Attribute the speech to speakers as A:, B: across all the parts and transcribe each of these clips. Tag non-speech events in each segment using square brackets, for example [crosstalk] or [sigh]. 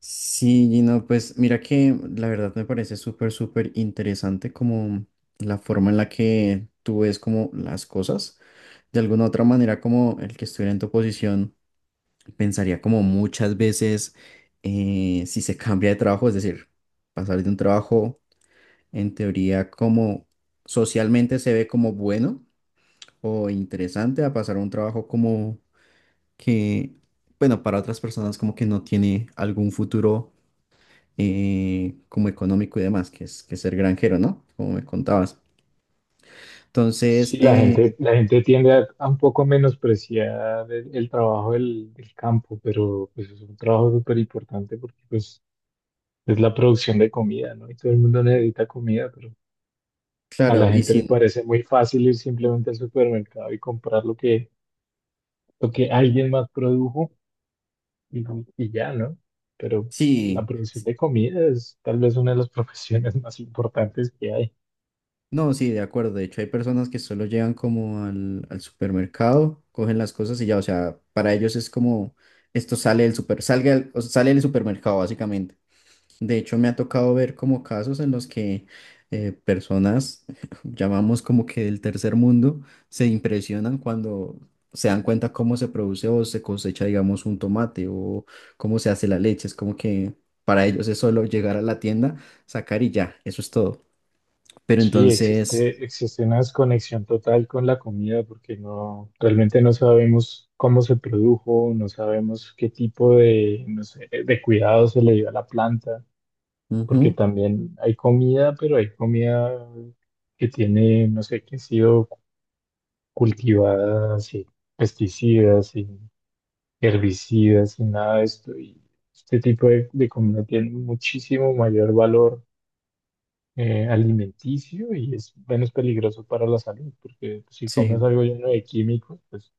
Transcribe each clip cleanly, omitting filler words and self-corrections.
A: Sí, Gino, pues mira que la verdad me parece súper, súper interesante como la forma en la que tú ves como las cosas. De alguna otra manera, como el que estuviera en tu posición, pensaría como muchas veces si se [laughs] cambia de trabajo, es decir, pasar de un trabajo en teoría como socialmente se ve como bueno o interesante a pasar a un trabajo como que, bueno, para otras personas como que no tiene algún futuro como económico y demás, que es ser granjero, ¿no? Como me contabas. Entonces,
B: Sí, la gente tiende a un poco menospreciar el trabajo del campo, pero pues es un trabajo súper importante porque pues es la producción de comida, ¿no? Y todo el mundo necesita comida, pero a
A: claro,
B: la
A: y
B: gente le
A: sin,
B: parece muy fácil ir simplemente al supermercado y comprar lo que alguien más produjo y, y ya, ¿no? Pero la
A: sí,
B: producción de comida es tal vez una de las [laughs] profesiones más importantes que hay.
A: no, sí, de acuerdo. De hecho, hay personas que solo llegan como al supermercado, cogen las cosas y ya, o sea, para ellos es como, esto sale del super, salga, o sea, sale del supermercado, básicamente. De hecho, me ha tocado ver como casos en los que personas, [laughs] llamamos como que del tercer mundo, se impresionan cuando se dan cuenta cómo se produce o se cosecha, digamos, un tomate o cómo se hace la leche. Es como que para ellos es solo llegar a la tienda, sacar y ya, eso es todo. Pero
B: Sí,
A: entonces,
B: existe una desconexión total con la comida porque no, realmente no sabemos cómo se produjo, no sabemos qué tipo de, no sé, de cuidado se le dio a la planta, porque
A: ujú,
B: también hay comida, pero hay comida que tiene, no sé, que ha sido cultivada sin pesticidas, sin herbicidas, sin nada de esto. Y este tipo de comida tiene muchísimo mayor valor alimenticio y es menos peligroso para la salud, porque pues, si comes
A: sí,
B: algo lleno de químicos, pues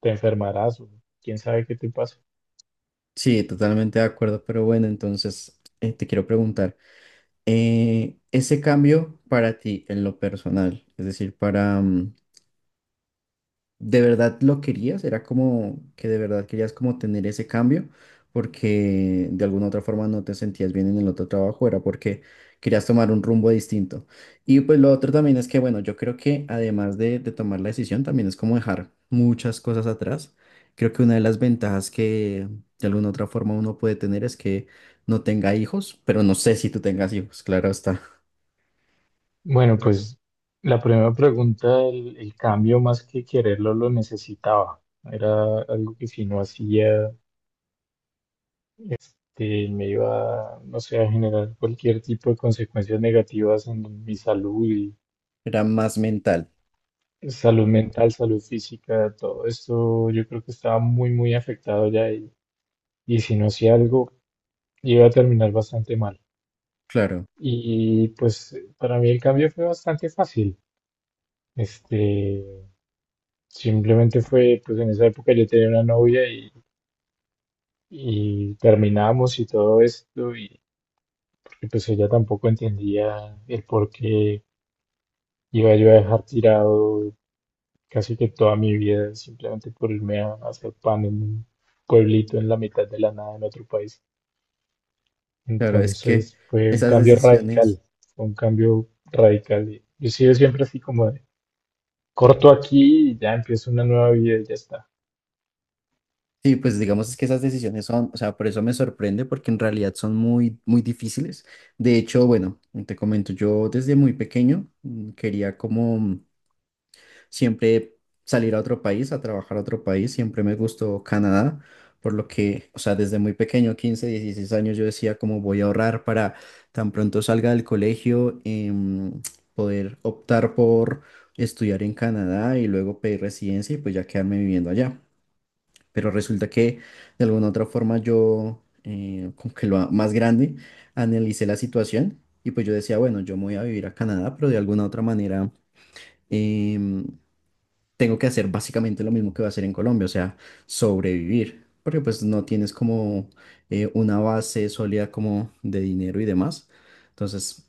B: te enfermarás o quién sabe qué te pasa.
A: sí, totalmente de acuerdo. Pero bueno, entonces te quiero preguntar, ese cambio para ti en lo personal, es decir, de verdad lo querías, era como que de verdad querías como tener ese cambio, porque de alguna otra forma no te sentías bien en el otro trabajo, era porque querías tomar un rumbo distinto. Y pues lo otro también es que, bueno, yo creo que además de tomar la decisión, también es como dejar muchas cosas atrás. Creo que una de las ventajas que de alguna otra forma uno puede tener es que no tenga hijos, pero no sé si tú tengas hijos, claro está. [laughs]
B: Bueno, pues la primera pregunta, el cambio más que quererlo lo necesitaba. Era algo que si no hacía, me iba, no sé, a generar cualquier tipo de consecuencias negativas en mi salud y
A: Era más mental,
B: salud mental, salud física, todo esto yo creo que estaba muy afectado ya y si no hacía algo iba a terminar bastante mal.
A: claro,
B: Y pues para mí el cambio fue bastante fácil. Este, Simplemente fue, pues en esa época yo tenía una novia y terminamos y todo esto, y porque pues ella tampoco entendía el por qué iba yo a dejar tirado casi que toda mi vida simplemente por irme a hacer pan en un pueblito en la mitad de la nada en otro país.
A: claro, es que
B: Entonces fue un
A: esas
B: cambio
A: decisiones...
B: radical, fue un cambio radical. Yo he sido siempre así como corto aquí y ya empiezo una nueva vida y ya está.
A: Sí, pues digamos es que esas decisiones son, o sea, por eso me sorprende, porque en realidad son muy, muy difíciles. De hecho, bueno, te comento, yo desde muy pequeño, quería como, siempre salir a otro país, a trabajar a otro país, siempre me gustó Canadá, por lo que, o sea, desde muy pequeño, 15, 16 años, yo decía como voy a ahorrar para tan pronto salga del colegio, poder optar por estudiar en Canadá y luego pedir residencia y pues ya quedarme viviendo allá, pero resulta que de alguna u otra forma yo, como que lo más grande, analicé la situación y pues yo decía, bueno, yo me voy a vivir a Canadá, pero de alguna u otra manera em, tengo que hacer básicamente lo mismo que voy a hacer en Colombia, o sea, sobrevivir, porque pues no tienes como una base sólida como de dinero y demás. Entonces,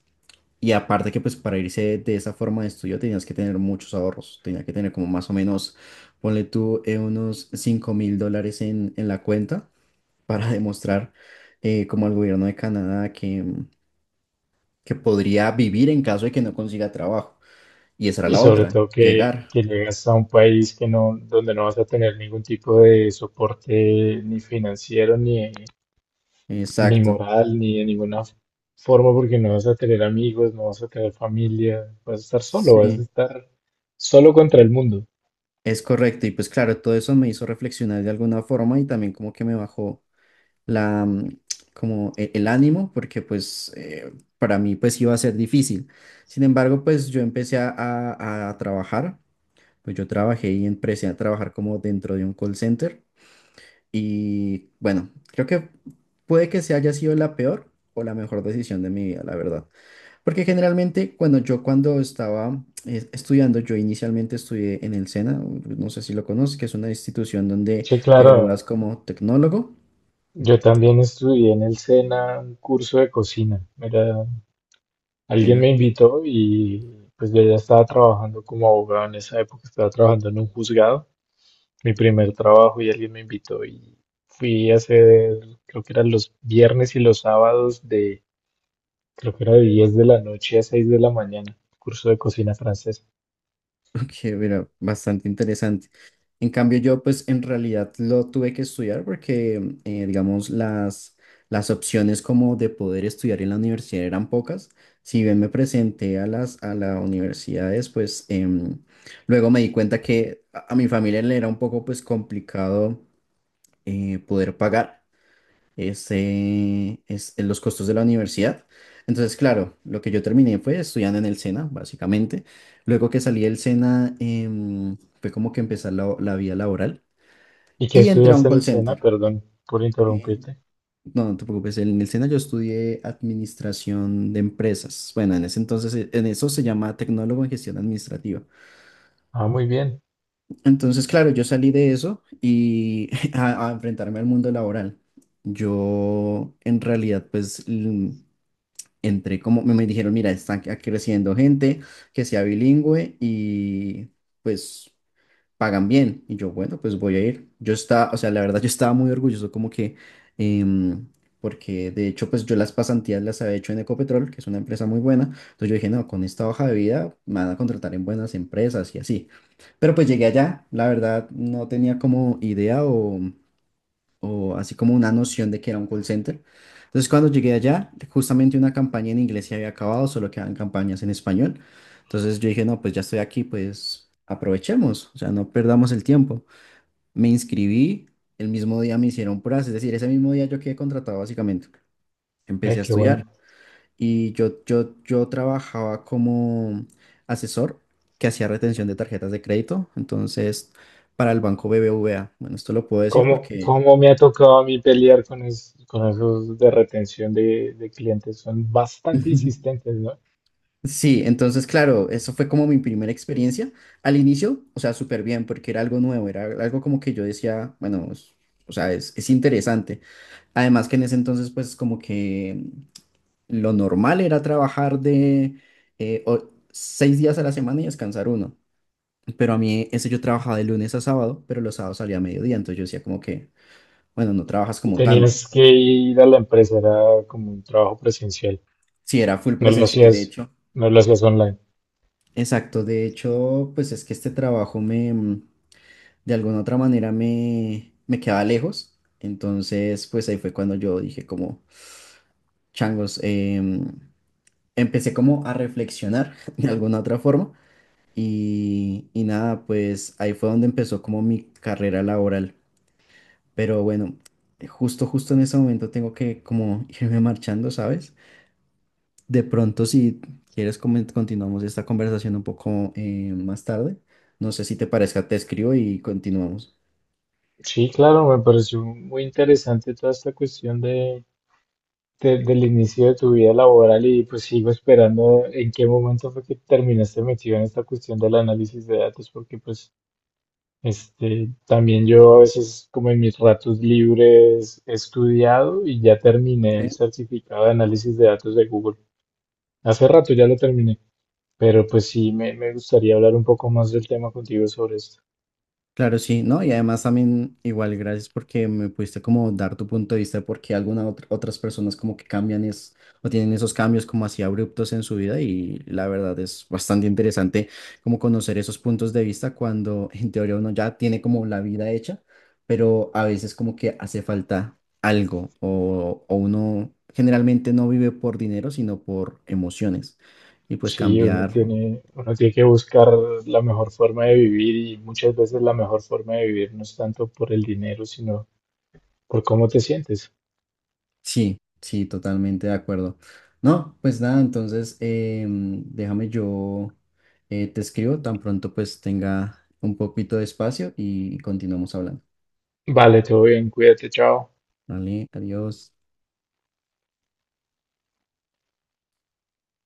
A: y aparte que pues para irse de esa forma de estudio tenías que tener muchos ahorros, tenía que tener como más o menos, ponle tú, unos $5000 en la cuenta para [laughs] demostrar como al gobierno de Canadá que podría vivir en caso de que no consiga trabajo. Y esa era
B: Y
A: la
B: sobre
A: otra,
B: todo
A: llegar.
B: que llegas a un país que no, donde no vas a tener ningún tipo de soporte ni financiero, ni, ni
A: Exacto.
B: moral, ni de ninguna forma, porque no vas a tener amigos, no vas a tener familia, vas a estar solo, vas a
A: Sí,
B: estar solo contra el mundo.
A: es correcto. Y pues claro, todo eso me hizo reflexionar de alguna forma y también como que me bajó la, como el ánimo, porque pues para mí pues iba a ser difícil. Sin embargo, pues yo empecé a trabajar, pues yo trabajé y empecé a trabajar como dentro de un call center y bueno, creo que puede que se haya sido la peor o la mejor decisión de mi vida, la verdad. Porque generalmente cuando yo cuando estaba estudiando, yo inicialmente estudié en el SENA, no sé si lo conoces, que es una institución donde
B: Sí,
A: te
B: claro,
A: gradúas como tecnólogo.
B: yo también estudié en el SENA un curso de cocina. Era. Alguien
A: Mira,
B: me invitó y pues yo ya estaba trabajando como abogado en esa época, estaba trabajando en un juzgado, mi primer trabajo y alguien me invitó y fui a hacer, creo que eran los viernes y los sábados de, creo que era de 10 de la noche a 6 de la mañana, curso de cocina francesa.
A: ok, mira, bastante interesante. En cambio, yo pues en realidad lo tuve que estudiar porque, digamos, las opciones como de poder estudiar en la universidad eran pocas. Si bien me presenté a las universidades, pues luego me di cuenta que a mi familia le era un poco pues complicado poder pagar los costos de la universidad. Entonces, claro, lo que yo terminé fue estudiando en el SENA, básicamente. Luego que salí del SENA, fue como que empecé la vida laboral
B: ¿Y que
A: y entré a un
B: estudiaste en
A: call
B: el SENA?
A: center.
B: Perdón por
A: Eh,
B: interrumpirte.
A: No, no te preocupes, en el SENA yo estudié administración de empresas. Bueno, en ese entonces, en eso se llama tecnólogo en gestión administrativa.
B: Ah, muy bien,
A: Entonces, claro, yo salí de eso y [laughs] a enfrentarme al mundo laboral. Yo, en realidad, entré como, me dijeron, mira, están creciendo gente que sea bilingüe y pues pagan bien. Y yo, bueno, pues voy a ir. Yo estaba, o sea, la verdad yo estaba muy orgulloso como que, em, porque de hecho pues yo las pasantías las había hecho en Ecopetrol, que es una empresa muy buena. Entonces yo dije, no, con esta hoja de vida me van a contratar en buenas empresas y así. Pero pues llegué allá, la verdad no tenía como idea o así como una noción de que era un call center. Entonces, cuando llegué allá, justamente una campaña en inglés se había acabado, solo quedaban campañas en español. Entonces yo dije, no, pues ya estoy aquí, pues aprovechemos, o sea, no perdamos el tiempo. Me inscribí, el mismo día me hicieron pruebas, es decir, ese mismo día yo quedé contratado básicamente. Empecé
B: ve
A: a
B: qué
A: estudiar
B: bueno.
A: y yo trabajaba como asesor que hacía retención de tarjetas de crédito, entonces para el banco BBVA. Bueno, esto lo puedo decir
B: ¿Cómo,
A: porque...
B: cómo me ha tocado a mí pelear con, es- con esos de retención de clientes? Son bastante
A: [laughs]
B: insistentes, ¿no?
A: Sí, entonces, claro, eso fue como mi primera experiencia. Al inicio, o sea, súper bien, porque era algo nuevo, era algo como que yo decía, bueno, o sea, es interesante. Además que en ese entonces, pues como que lo normal era trabajar de seis días a la semana y descansar uno. Pero a mí, ese yo trabajaba de lunes a sábado, pero los sábados salía a mediodía, entonces yo decía como que, bueno, no trabajas
B: Y
A: como tanto.
B: tenías que ir a la empresa, era como un trabajo presencial.
A: Sí, era full
B: No lo
A: presencial, de
B: hacías,
A: hecho.
B: no lo hacías online.
A: Exacto, de hecho, pues es que este trabajo me, de alguna otra manera me quedaba lejos. Entonces, pues ahí fue cuando yo dije como, changos, empecé como a reflexionar [laughs] de alguna otra forma. Y nada, pues ahí fue donde empezó como mi carrera laboral. Pero bueno, justo en ese momento tengo que como [laughs] irme marchando, ¿sabes? De pronto, si quieres, continuamos esta conversación un poco más tarde. No sé si te parezca, te escribo y continuamos.
B: Sí, claro, me pareció muy interesante toda esta cuestión de- del inicio de tu vida laboral y pues sigo esperando en qué momento fue que terminaste metido en esta cuestión del análisis de datos, porque pues este también yo a veces como en mis ratos libres he estudiado y ya terminé el
A: Ok,
B: certificado de análisis de datos de Google. Hace rato ya lo terminé. Pero pues sí, me gustaría hablar un poco más del tema contigo sobre esto.
A: claro, sí, ¿no? Y además también igual gracias porque me pudiste como dar tu punto de vista de por qué algunas otras personas como que cambian es, o tienen esos cambios como así abruptos en su vida y la verdad es bastante interesante como conocer esos puntos de vista cuando en teoría uno ya tiene como la vida hecha, pero a veces como que hace falta algo o uno generalmente no vive por dinero sino por emociones y pues
B: Sí,
A: cambiar.
B: uno tiene que buscar la mejor forma de vivir y muchas veces la mejor forma de vivir no es tanto por el dinero, sino por cómo te sientes.
A: Sí, sí, totalmente de acuerdo. No, pues nada, entonces déjame yo te escribo tan pronto pues tenga un poquito de espacio y continuamos hablando.
B: Vale, todo bien, cuídate, chao.
A: Vale, adiós.